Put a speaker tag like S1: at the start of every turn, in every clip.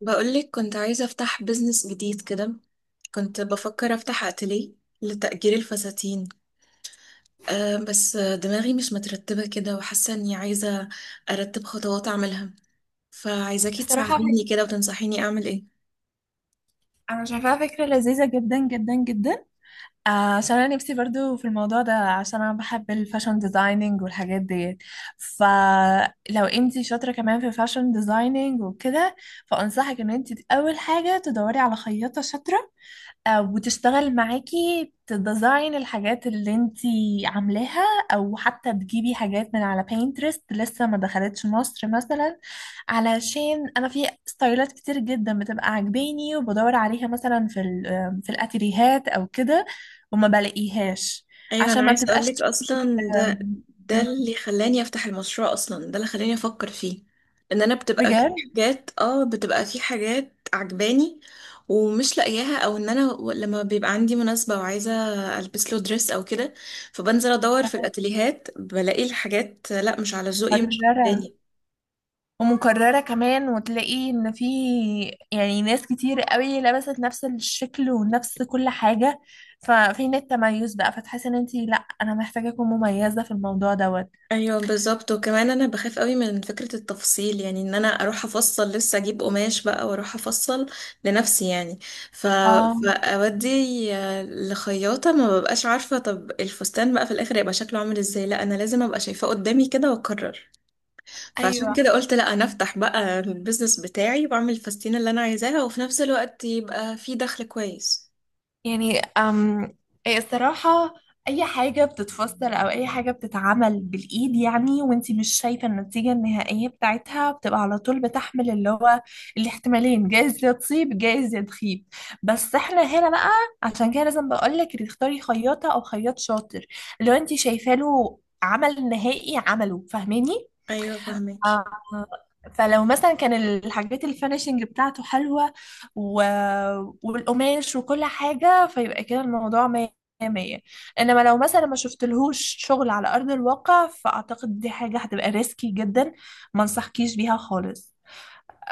S1: بقولك كنت عايزة أفتح بيزنس جديد كده. كنت بفكر أفتح أتليه لتأجير الفساتين. أه، بس دماغي مش مترتبة كده، وحاسة إني عايزة أرتب خطوات أعملها، فعايزاكي
S2: بصراحة
S1: تساعديني كده وتنصحيني أعمل إيه.
S2: أنا شايفاها فكرة لذيذة جدا جدا جدا. آه، عشان أنا نفسي برضو في الموضوع ده، عشان أنا بحب الفاشن ديزايننج والحاجات دي. فلو انتي شاطرة كمان في الفاشن ديزايننج وكده، فأنصحك إن انتي أول حاجة تدوري على خياطة شاطرة وتشتغل معاكي تديزاين الحاجات اللي انتي عاملاها، او حتى تجيبي حاجات من على بينترست لسه ما دخلتش مصر مثلا، علشان انا في ستايلات كتير جدا بتبقى عاجباني وبدور عليها مثلا في ال- آه، في الاتيليهات او كده وما بلاقيهاش،
S1: ايوه، انا
S2: عشان ما
S1: عايزه
S2: بتبقاش
S1: اقولك
S2: trended،
S1: اصلا ده
S2: آم،
S1: اللي خلاني افتح المشروع، اصلا ده اللي خلاني افكر فيه. ان انا بتبقى في
S2: بجد
S1: حاجات اه بتبقى في حاجات عجباني ومش لاقياها، او لما بيبقى عندي مناسبه وعايزه البس له دريس او كده، فبنزل ادور في الاتيليهات بلاقي الحاجات لا مش على ذوقي، مش
S2: مرة
S1: عجباني.
S2: ومكررة كمان، وتلاقي ان في ناس كتير قوي لبست نفس الشكل ونفس كل حاجة، ففين التميز بقى؟ فتحس ان انتي لا، انا محتاجة اكون مميزة في الموضوع دوت.
S1: ايوه بالظبط، وكمان انا بخاف قوي من فكره التفصيل، يعني ان انا اروح افصل لسه، اجيب قماش بقى واروح افصل لنفسي يعني. ف...
S2: اه
S1: فاودي لخياطه ما ببقاش عارفه طب الفستان بقى في الاخر يبقى شكله عامل ازاي. لا انا لازم ابقى شايفاه قدامي كده واقرر، فعشان
S2: ايوه.
S1: كده قلت لا انا افتح بقى البيزنس بتاعي واعمل الفساتين اللي انا عايزاها، وفي نفس الوقت يبقى في دخل كويس.
S2: يعني أم إيه الصراحة، أي حاجة بتتفسر أو أي حاجة بتتعمل بالإيد يعني وانتي مش شايفة النتيجة النهائية بتاعتها بتبقى على طول بتحمل اللي هو الاحتمالين، جايز يا تصيب جايز يا تخيب. بس احنا هنا بقى، عشان كده لازم بقولك تختاري خياطة أو خياط شاطر لو انتي شايفة له عمل نهائي عمله، فاهماني؟
S1: ايوه فهمك.
S2: آه، فلو مثلا كان الحاجات الفينيشنج بتاعته حلوة و... والقماش وكل حاجة، فيبقى كده الموضوع مية مية. انما لو مثلا ما شفتلهوش شغل على ارض الواقع، فاعتقد دي حاجة هتبقى ريسكي جدا، ما انصحكيش بيها خالص.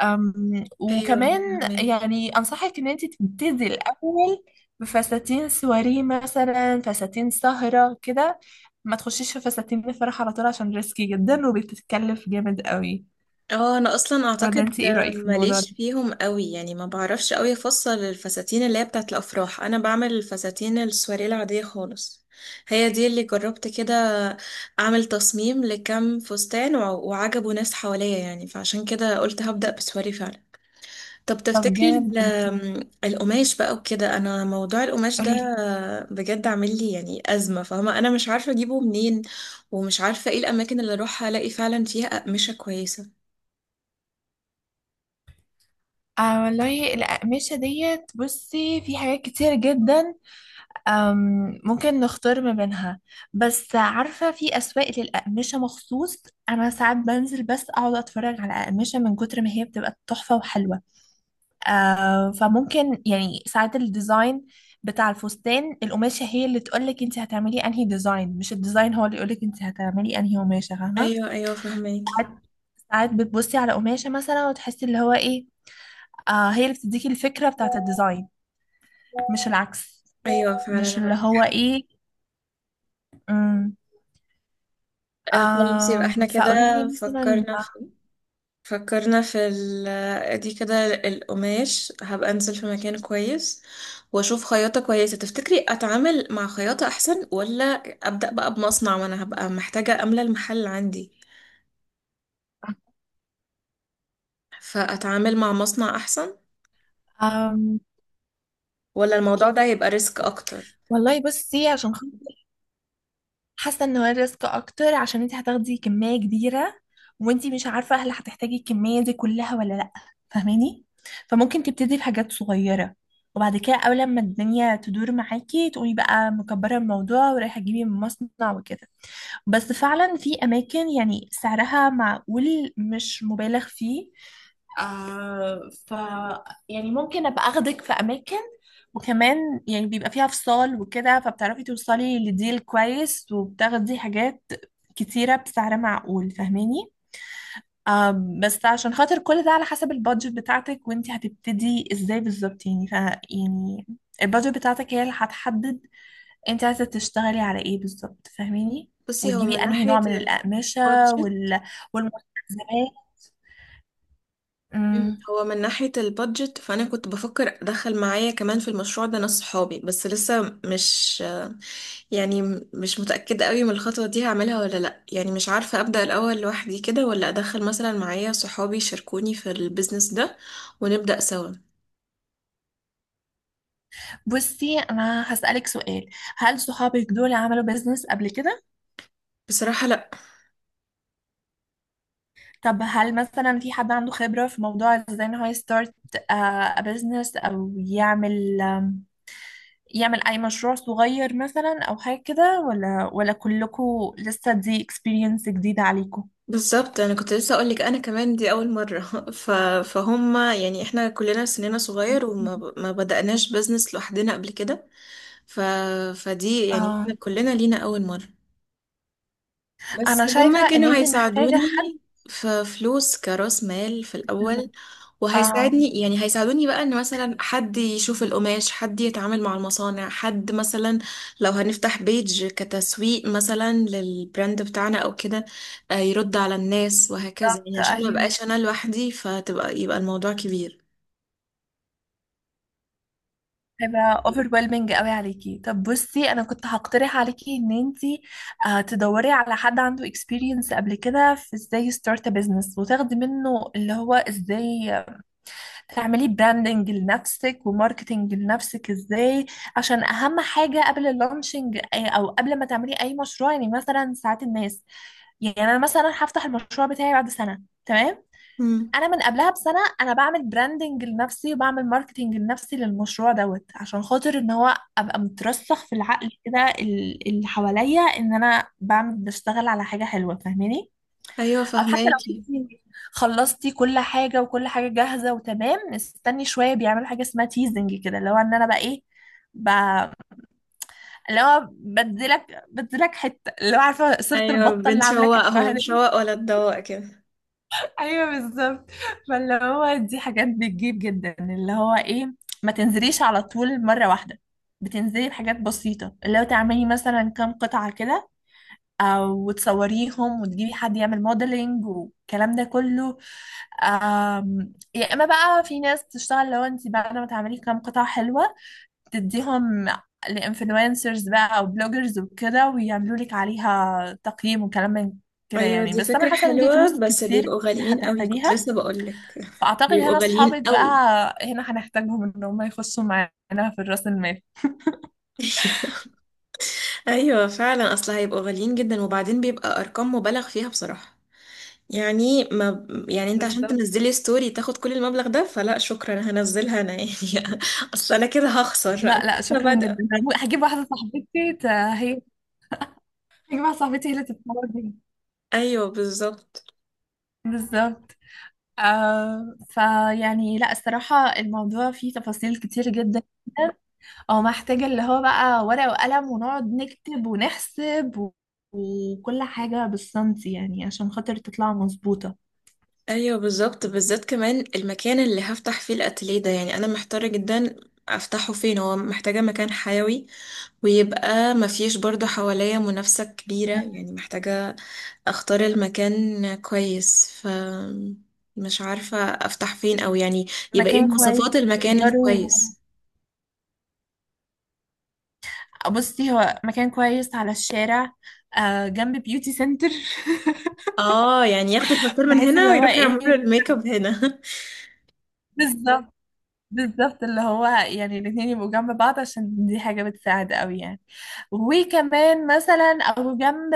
S1: ايوه
S2: وكمان
S1: فهمك.
S2: يعني انصحك ان انت تبتدي الاول بفساتين سواري مثلا، فساتين سهرة كده. ما تخشيش في فساتين الفرح على طول عشان ريسكي جدا وبتتكلف جامد قوي.
S1: اه انا اصلا
S2: ولا
S1: اعتقد
S2: انت ايه رأيك في الموضوع ده؟
S1: ماليش فيهم قوي، يعني ما بعرفش قوي افصل الفساتين اللي هي بتاعت الافراح. انا بعمل الفساتين السواريه العاديه خالص، هي دي اللي جربت كده، اعمل تصميم لكم فستان، وع- وعجبوا ناس حواليا يعني، فعشان كده قلت هبدأ بسواري فعلا. طب
S2: طب
S1: تفتكري
S2: جامد
S1: ال-
S2: جدا،
S1: آم، القماش بقى وكده، انا موضوع القماش ده
S2: قولي لي.
S1: بجد عامل لي يعني ازمه. فاهمه، انا مش عارفه اجيبه منين، ومش عارفه ايه الاماكن اللي اروح الاقي فعلا فيها اقمشه كويسه.
S2: آه والله الأقمشة ديت، بصي في حاجات كتير جدا، ممكن نختار ما بينها. بس عارفة في أسواق للأقمشة مخصوص؟ أنا ساعات بنزل بس أقعد أتفرج على أقمشة من كتر ما هي بتبقى تحفة وحلوة. آه فممكن يعني ساعات الديزاين بتاع الفستان القماشة هي اللي تقولك انت هتعملي انهي ديزاين، مش الديزاين هو اللي يقولك انت هتعملي انهي قماشة، فاهمة؟
S1: ايوه، ايوه فهماكي.
S2: ساعات ساعات بتبصي على قماشة مثلا وتحسي اللي هو ايه، آه هي اللي بتديكي الفكرة بتاعت الديزاين، مش العكس،
S1: ايوه
S2: مش
S1: فعلا
S2: اللي هو
S1: عندك.
S2: ايه. امم
S1: آه خلاص، يبقى احنا كده
S2: فقولي لي مثلا.
S1: فكرنا في فكرنا في دي كده. القماش هبقى انزل في مكان كويس، واشوف خياطة كويسة. تفتكري اتعامل مع خياطة احسن، ولا ابدأ بقى بمصنع؟ ما انا هبقى محتاجة املى المحل عندي، فاتعامل مع مصنع احسن،
S2: آم
S1: ولا الموضوع ده هيبقى ريسك اكتر؟
S2: والله بصي عشان خاطر حاسه ان هو الريسك اكتر، عشان انت هتاخدي كميه كبيره وانت مش عارفه هل هتحتاجي الكميه دي كلها ولا لا، فاهماني؟ فممكن تبتدي بحاجات صغيره وبعد كده اول ما الدنيا تدور معاكي تقومي بقى مكبره الموضوع ورايحه تجيبي من مصنع وكده. بس فعلا في اماكن يعني سعرها معقول، مش مبالغ فيه. آه ف يعني ممكن ابقى اخدك في اماكن، وكمان يعني بيبقى فيها فصال وكده فبتعرفي توصلي لديل كويس وبتاخدي حاجات كتيرة بسعر معقول، فاهماني؟ آه بس عشان خاطر كل ده على حسب البادجت بتاعتك وانتي هتبتدي ازاي بالظبط. يعني ف يعني البادجت بتاعتك هي اللي هتحدد انت عايزة تشتغلي على ايه بالظبط، فاهماني؟
S1: بصي، هو
S2: وتجيبي
S1: من
S2: انهي نوع
S1: ناحية
S2: من الأقمشة
S1: البادجت
S2: والمستلزمات.
S1: مم. هو من ناحية البادجت، فأنا كنت بفكر أدخل معايا كمان في المشروع ده ناس صحابي، بس لسه مش يعني مش متأكدة قوي من الخطوة دي هعملها ولا لأ. يعني مش عارفة أبدأ الأول لوحدي كده، ولا أدخل مثلا معايا صحابي يشاركوني في البيزنس ده ونبدأ سوا.
S2: بصي انا هسألك سؤال، هل صحابك دول عملوا بيزنس قبل كده؟
S1: بصراحة لأ.
S2: طب هل مثلا في حد عنده خبرة في موضوع ازاي ان هو يستارت بزنس او يعمل اي مشروع صغير مثلا او حاجة كده، ولا كلكم لسه دي اكسبيرينس جديدة عليكم؟
S1: بالظبط، أنا كنت لسه أقولك، أنا كمان دي أول مرة ف... فهم يعني إحنا كلنا سننا صغير، وما ب... ما بدأناش بيزنس لوحدنا قبل كده. ف... فدي يعني إحنا
S2: اه
S1: كلنا لينا أول مرة. بس
S2: انا شايفة
S1: هما
S2: ان
S1: كانوا
S2: انت محتاجة
S1: هيساعدوني
S2: حد.
S1: في فلوس كرأس مال في الأول،
S2: اه
S1: وهيساعدني يعني هيساعدوني بقى، ان مثلا حد يشوف القماش، حد يتعامل مع المصانع، حد مثلا لو هنفتح بيج كتسويق مثلا للبراند بتاعنا او كده، يرد على الناس وهكذا. يعني عشان ما
S2: ايوه،
S1: بقاش انا لوحدي، فتبقى يبقى الموضوع كبير.
S2: هيبقى overwhelming قوي عليكي. طب بصي انا كنت هقترح عليكي ان انتي تدوري على حد عنده experience قبل كده في ازاي start a business، وتاخدي منه اللي هو ازاي تعملي branding لنفسك وماركتينج لنفسك ازاي. عشان اهم حاجة قبل اللانشنج او قبل ما تعملي اي مشروع، يعني مثلا ساعات الناس، يعني انا مثلا هفتح المشروع بتاعي بعد سنة تمام،
S1: مم.
S2: انا من قبلها بسنه انا بعمل براندنج لنفسي وبعمل ماركتنج لنفسي للمشروع دوت، عشان خاطر ان هو ابقى مترسخ في العقل كده اللي حواليا ان انا بعمل بشتغل على حاجه حلوه، فاهماني؟
S1: ايوه
S2: او حتى لو
S1: فهماكي.
S2: انتي خلصتي كل حاجه وكل حاجه جاهزه وتمام، استني شويه بيعملوا حاجه اسمها تيزنج كده، اللي هو ان انا بقى ايه، ب... اللي هو بديلك بديلك حته اللي هو، عارفه صورة
S1: ايوه
S2: البطه اللي عامله
S1: بنشوق اهو
S2: كتفها؟
S1: بنشوق ولا تدوق كده.
S2: ايوه بالظبط. فاللي هو دي حاجات بتجيب جدا اللي هو ايه، ما تنزليش على طول مره واحده، بتنزلي بحاجات بسيطه اللي هو تعملي مثلا كام قطعه كده، او تصوريهم وتجيبي حد يعمل موديلنج والكلام ده كله. يا اما بقى في ناس تشتغل، لو انت بعد ما تعملي كام قطعه حلوه تديهم لانفلونسرز بقى او بلوجرز وكده ويعملوا لك عليها تقييم وكلام من كده
S1: ايوه
S2: يعني،
S1: دي
S2: بس انا
S1: فكرة
S2: حاسه ان دي
S1: حلوة،
S2: فلوس
S1: بس
S2: كتير
S1: بيبقوا غاليين قوي، كنت
S2: هتحتاجيها.
S1: لسه بقولك
S2: فأعتقد
S1: بيبقوا
S2: هنا
S1: غاليين
S2: أصحابك بقى،
S1: قوي
S2: هنا هنحتاجهم إن هم يخشوا معانا في الرأس المال.
S1: ايوه، ايوه فعلا، اصل هيبقوا غاليين جدا، وبعدين بيبقى ارقام مبالغ فيها بصراحة. يعني ما يعني انت عشان
S2: بالظبط.
S1: تنزلي ستوري تاخد كل المبلغ ده، فلا شكرا، هنزلها انا يعني اصل انا كده هخسر، انا
S2: لا لا
S1: لسه
S2: شكرا جدا،
S1: بادئة.
S2: هجيب واحدة صاحبتي هي، هجيب واحدة صاحبتي هي اللي تتفرج بيها.
S1: ايوه بالظبط.
S2: بالظبط. آه فيعني لا الصراحة الموضوع فيه تفاصيل كتير جدا، او محتاجة اللي هو بقى ورقة وقلم ونقعد نكتب ونحسب وكل حاجة بالسنتي يعني عشان خاطر تطلع مظبوطة.
S1: ايوه بالظبط، بالذات كمان المكان اللي هفتح فيه الاتelier ده، يعني انا محتارة جدا افتحه فين. هو محتاجة مكان حيوي، ويبقى مفيش برضه حواليا منافسة كبيرة، يعني محتاجة اختار المكان كويس، ف مش عارفة افتح فين، او يعني يبقى ايه
S2: مكان
S1: مواصفات
S2: كويس
S1: المكان
S2: إيجاره،
S1: الكويس؟
S2: بصي هو مكان كويس على الشارع، آه جنب بيوتي سنتر.
S1: اه يعني ياخدوا الباسبور من
S2: بحيث
S1: هنا
S2: اللي هو
S1: ويروحوا
S2: ايه،
S1: يعملوا الميك اب هنا.
S2: بالظبط. بالظبط اللي هو يعني الاتنين يبقوا جنب بعض عشان دي حاجة بتساعد قوي يعني. وكمان مثلا او جنب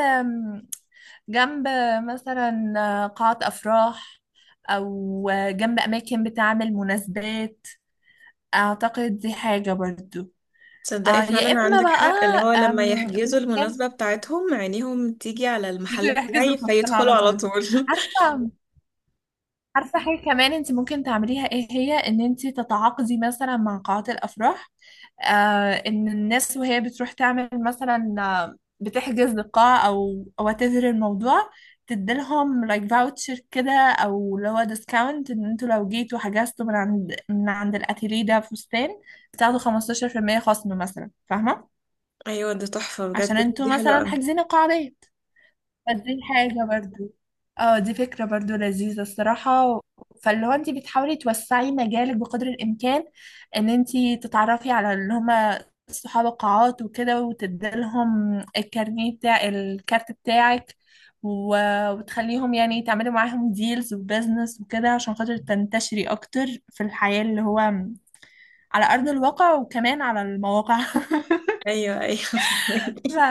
S2: جنب مثلا قاعة أفراح، أو جنب أماكن بتعمل مناسبات، أعتقد دي حاجة برضو.
S1: تصدقي
S2: يا
S1: فعلا
S2: إما
S1: عندك
S2: بقى
S1: حق، اللي هو لما
S2: في
S1: يحجزوا
S2: مكان
S1: المناسبة بتاعتهم عينيهم تيجي على
S2: يجوا
S1: المحل
S2: يحجزوا
S1: بتاعي
S2: الفستان
S1: فيدخلوا
S2: على
S1: على
S2: طول.
S1: طول
S2: عارفة، عارفة حاجة كمان انت ممكن تعمليها ايه هي؟ ان انت تتعاقدي مثلا مع قاعات الافراح، آه ان الناس وهي بتروح تعمل مثلا بتحجز لقاعة او واتيفر الموضوع، تديلهم لايك فاوتشر كده او اللي هو ديسكاونت ان انتوا لو جيتوا حجزتوا من عند من عند الاتيليه ده فستان بتاخدوا 15% خصم مثلا، فاهمة؟
S1: ايوه ده تحفة بجد،
S2: عشان
S1: فكرة
S2: انتوا
S1: دي حلوة
S2: مثلا
S1: اوي.
S2: حاجزين القاعة دي. بس دي حاجة برضو، اه دي فكرة برضو لذيذة الصراحة. فاللي هو انت بتحاولي توسعي مجالك بقدر الامكان، ان انت تتعرفي على اللي هما صحاب القاعات وكده وتديلهم الكارنيه بتاع الكارت بتاعك وتخليهم يعني تعملي معاهم ديلز وبزنس وكده عشان خاطر تنتشري اكتر في الحياة اللي هو على ارض الواقع، وكمان على المواقع.
S1: ايوه ايوه
S2: ف...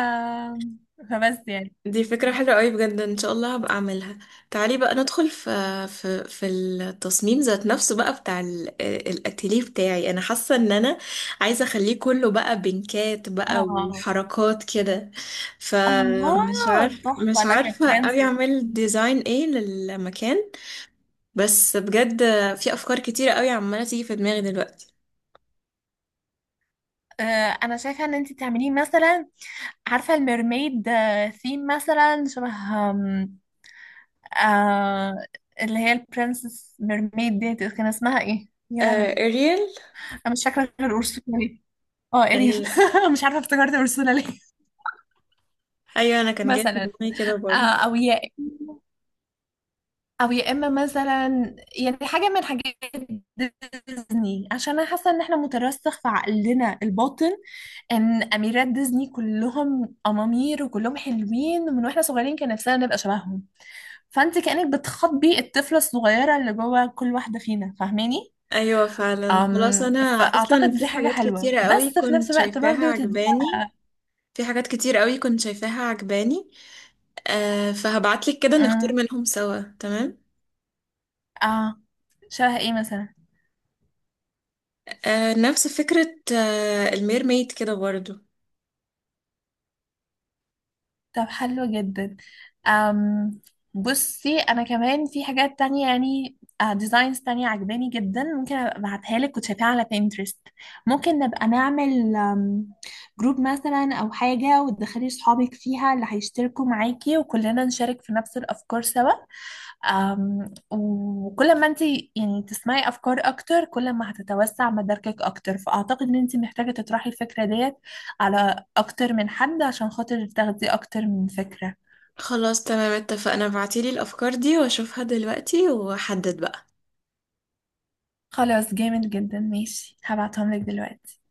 S2: فبس يعني
S1: دي فكرة حلوة قوي بجد، ان شاء الله هبقى اعملها. تعالي بقى ندخل في التصميم ذات نفسه بقى بتاع الاتيليه بتاعي. انا حاسة ان انا عايزة اخليه كله بقى بنكات بقى
S2: اه.
S1: وحركات كده، فمش
S2: الله
S1: عارف
S2: تحفة
S1: مش
S2: لك
S1: عارفة قوي
S2: فرانسيس.
S1: اعمل ديزاين ايه للمكان. بس بجد في افكار كتيرة قوي عمالة تيجي في دماغي دلوقتي.
S2: آه، انا شايفه ان انت تعمليه مثلا، عارفه الميرميد؟ ثيم مثلا شبه آم، آه اللي هي البرنسس ميرميد دي، كان اسمها ايه يا لهوي؟
S1: آه اريال.
S2: انا مش فاكره غير اورسولا ليه، اه اريل.
S1: ايوه
S2: مش عارفه افتكرت اورسولا ليه.
S1: ايوه، انا كان جاي في
S2: مثلا
S1: دماغي كده
S2: آه
S1: برضه.
S2: او ياء، او يا اما مثلا يعني حاجه من حاجات ديزني، عشان انا حاسه ان احنا مترسخ في عقلنا الباطن ان اميرات ديزني كلهم امامير وكلهم حلوين، من واحنا صغيرين كان نفسنا نبقى شبههم. فانت كانك بتخاطبي الطفله الصغيره اللي جوه كل واحده فينا، فاهماني؟
S1: ايوه فعلا خلاص.
S2: أم
S1: انا اصلا
S2: فاعتقد
S1: في
S2: دي حاجه
S1: حاجات
S2: حلوه،
S1: كتيره قوي
S2: بس في نفس
S1: كنت
S2: الوقت
S1: شايفاها
S2: برضو تديها.
S1: عجباني، في حاجات كتير قوي كنت شايفاها عجباني. آه فهبعتلك كده نختار
S2: أم،
S1: منهم سوا، تمام.
S2: اه شبه ايه مثلا؟
S1: آه نفس فكره. آه الميرميد كده برضو.
S2: طب حلو جدا. أم بصي انا كمان في حاجات تانية يعني، ديزاينز تانية عجباني جدا، ممكن أبقى ابعتها لك وتشوفيها على بينترست. ممكن نبقى نعمل جروب مثلا او حاجة وتدخلي صحابك فيها اللي هيشتركوا معاكي، وكلنا نشارك في نفس الافكار سوا. وكل ما انت يعني تسمعي افكار اكتر كل ما هتتوسع مداركك اكتر. فاعتقد ان انت محتاجة تطرحي الفكرة ديت على اكتر من حد عشان خاطر تاخدي اكتر من فكرة.
S1: خلاص تمام، اتفقنا، ابعتيلي الافكار دي واشوفها دلوقتي واحدد بقى.
S2: خلاص جامد جدا، ماشي هبعتهم لك دلوقتي.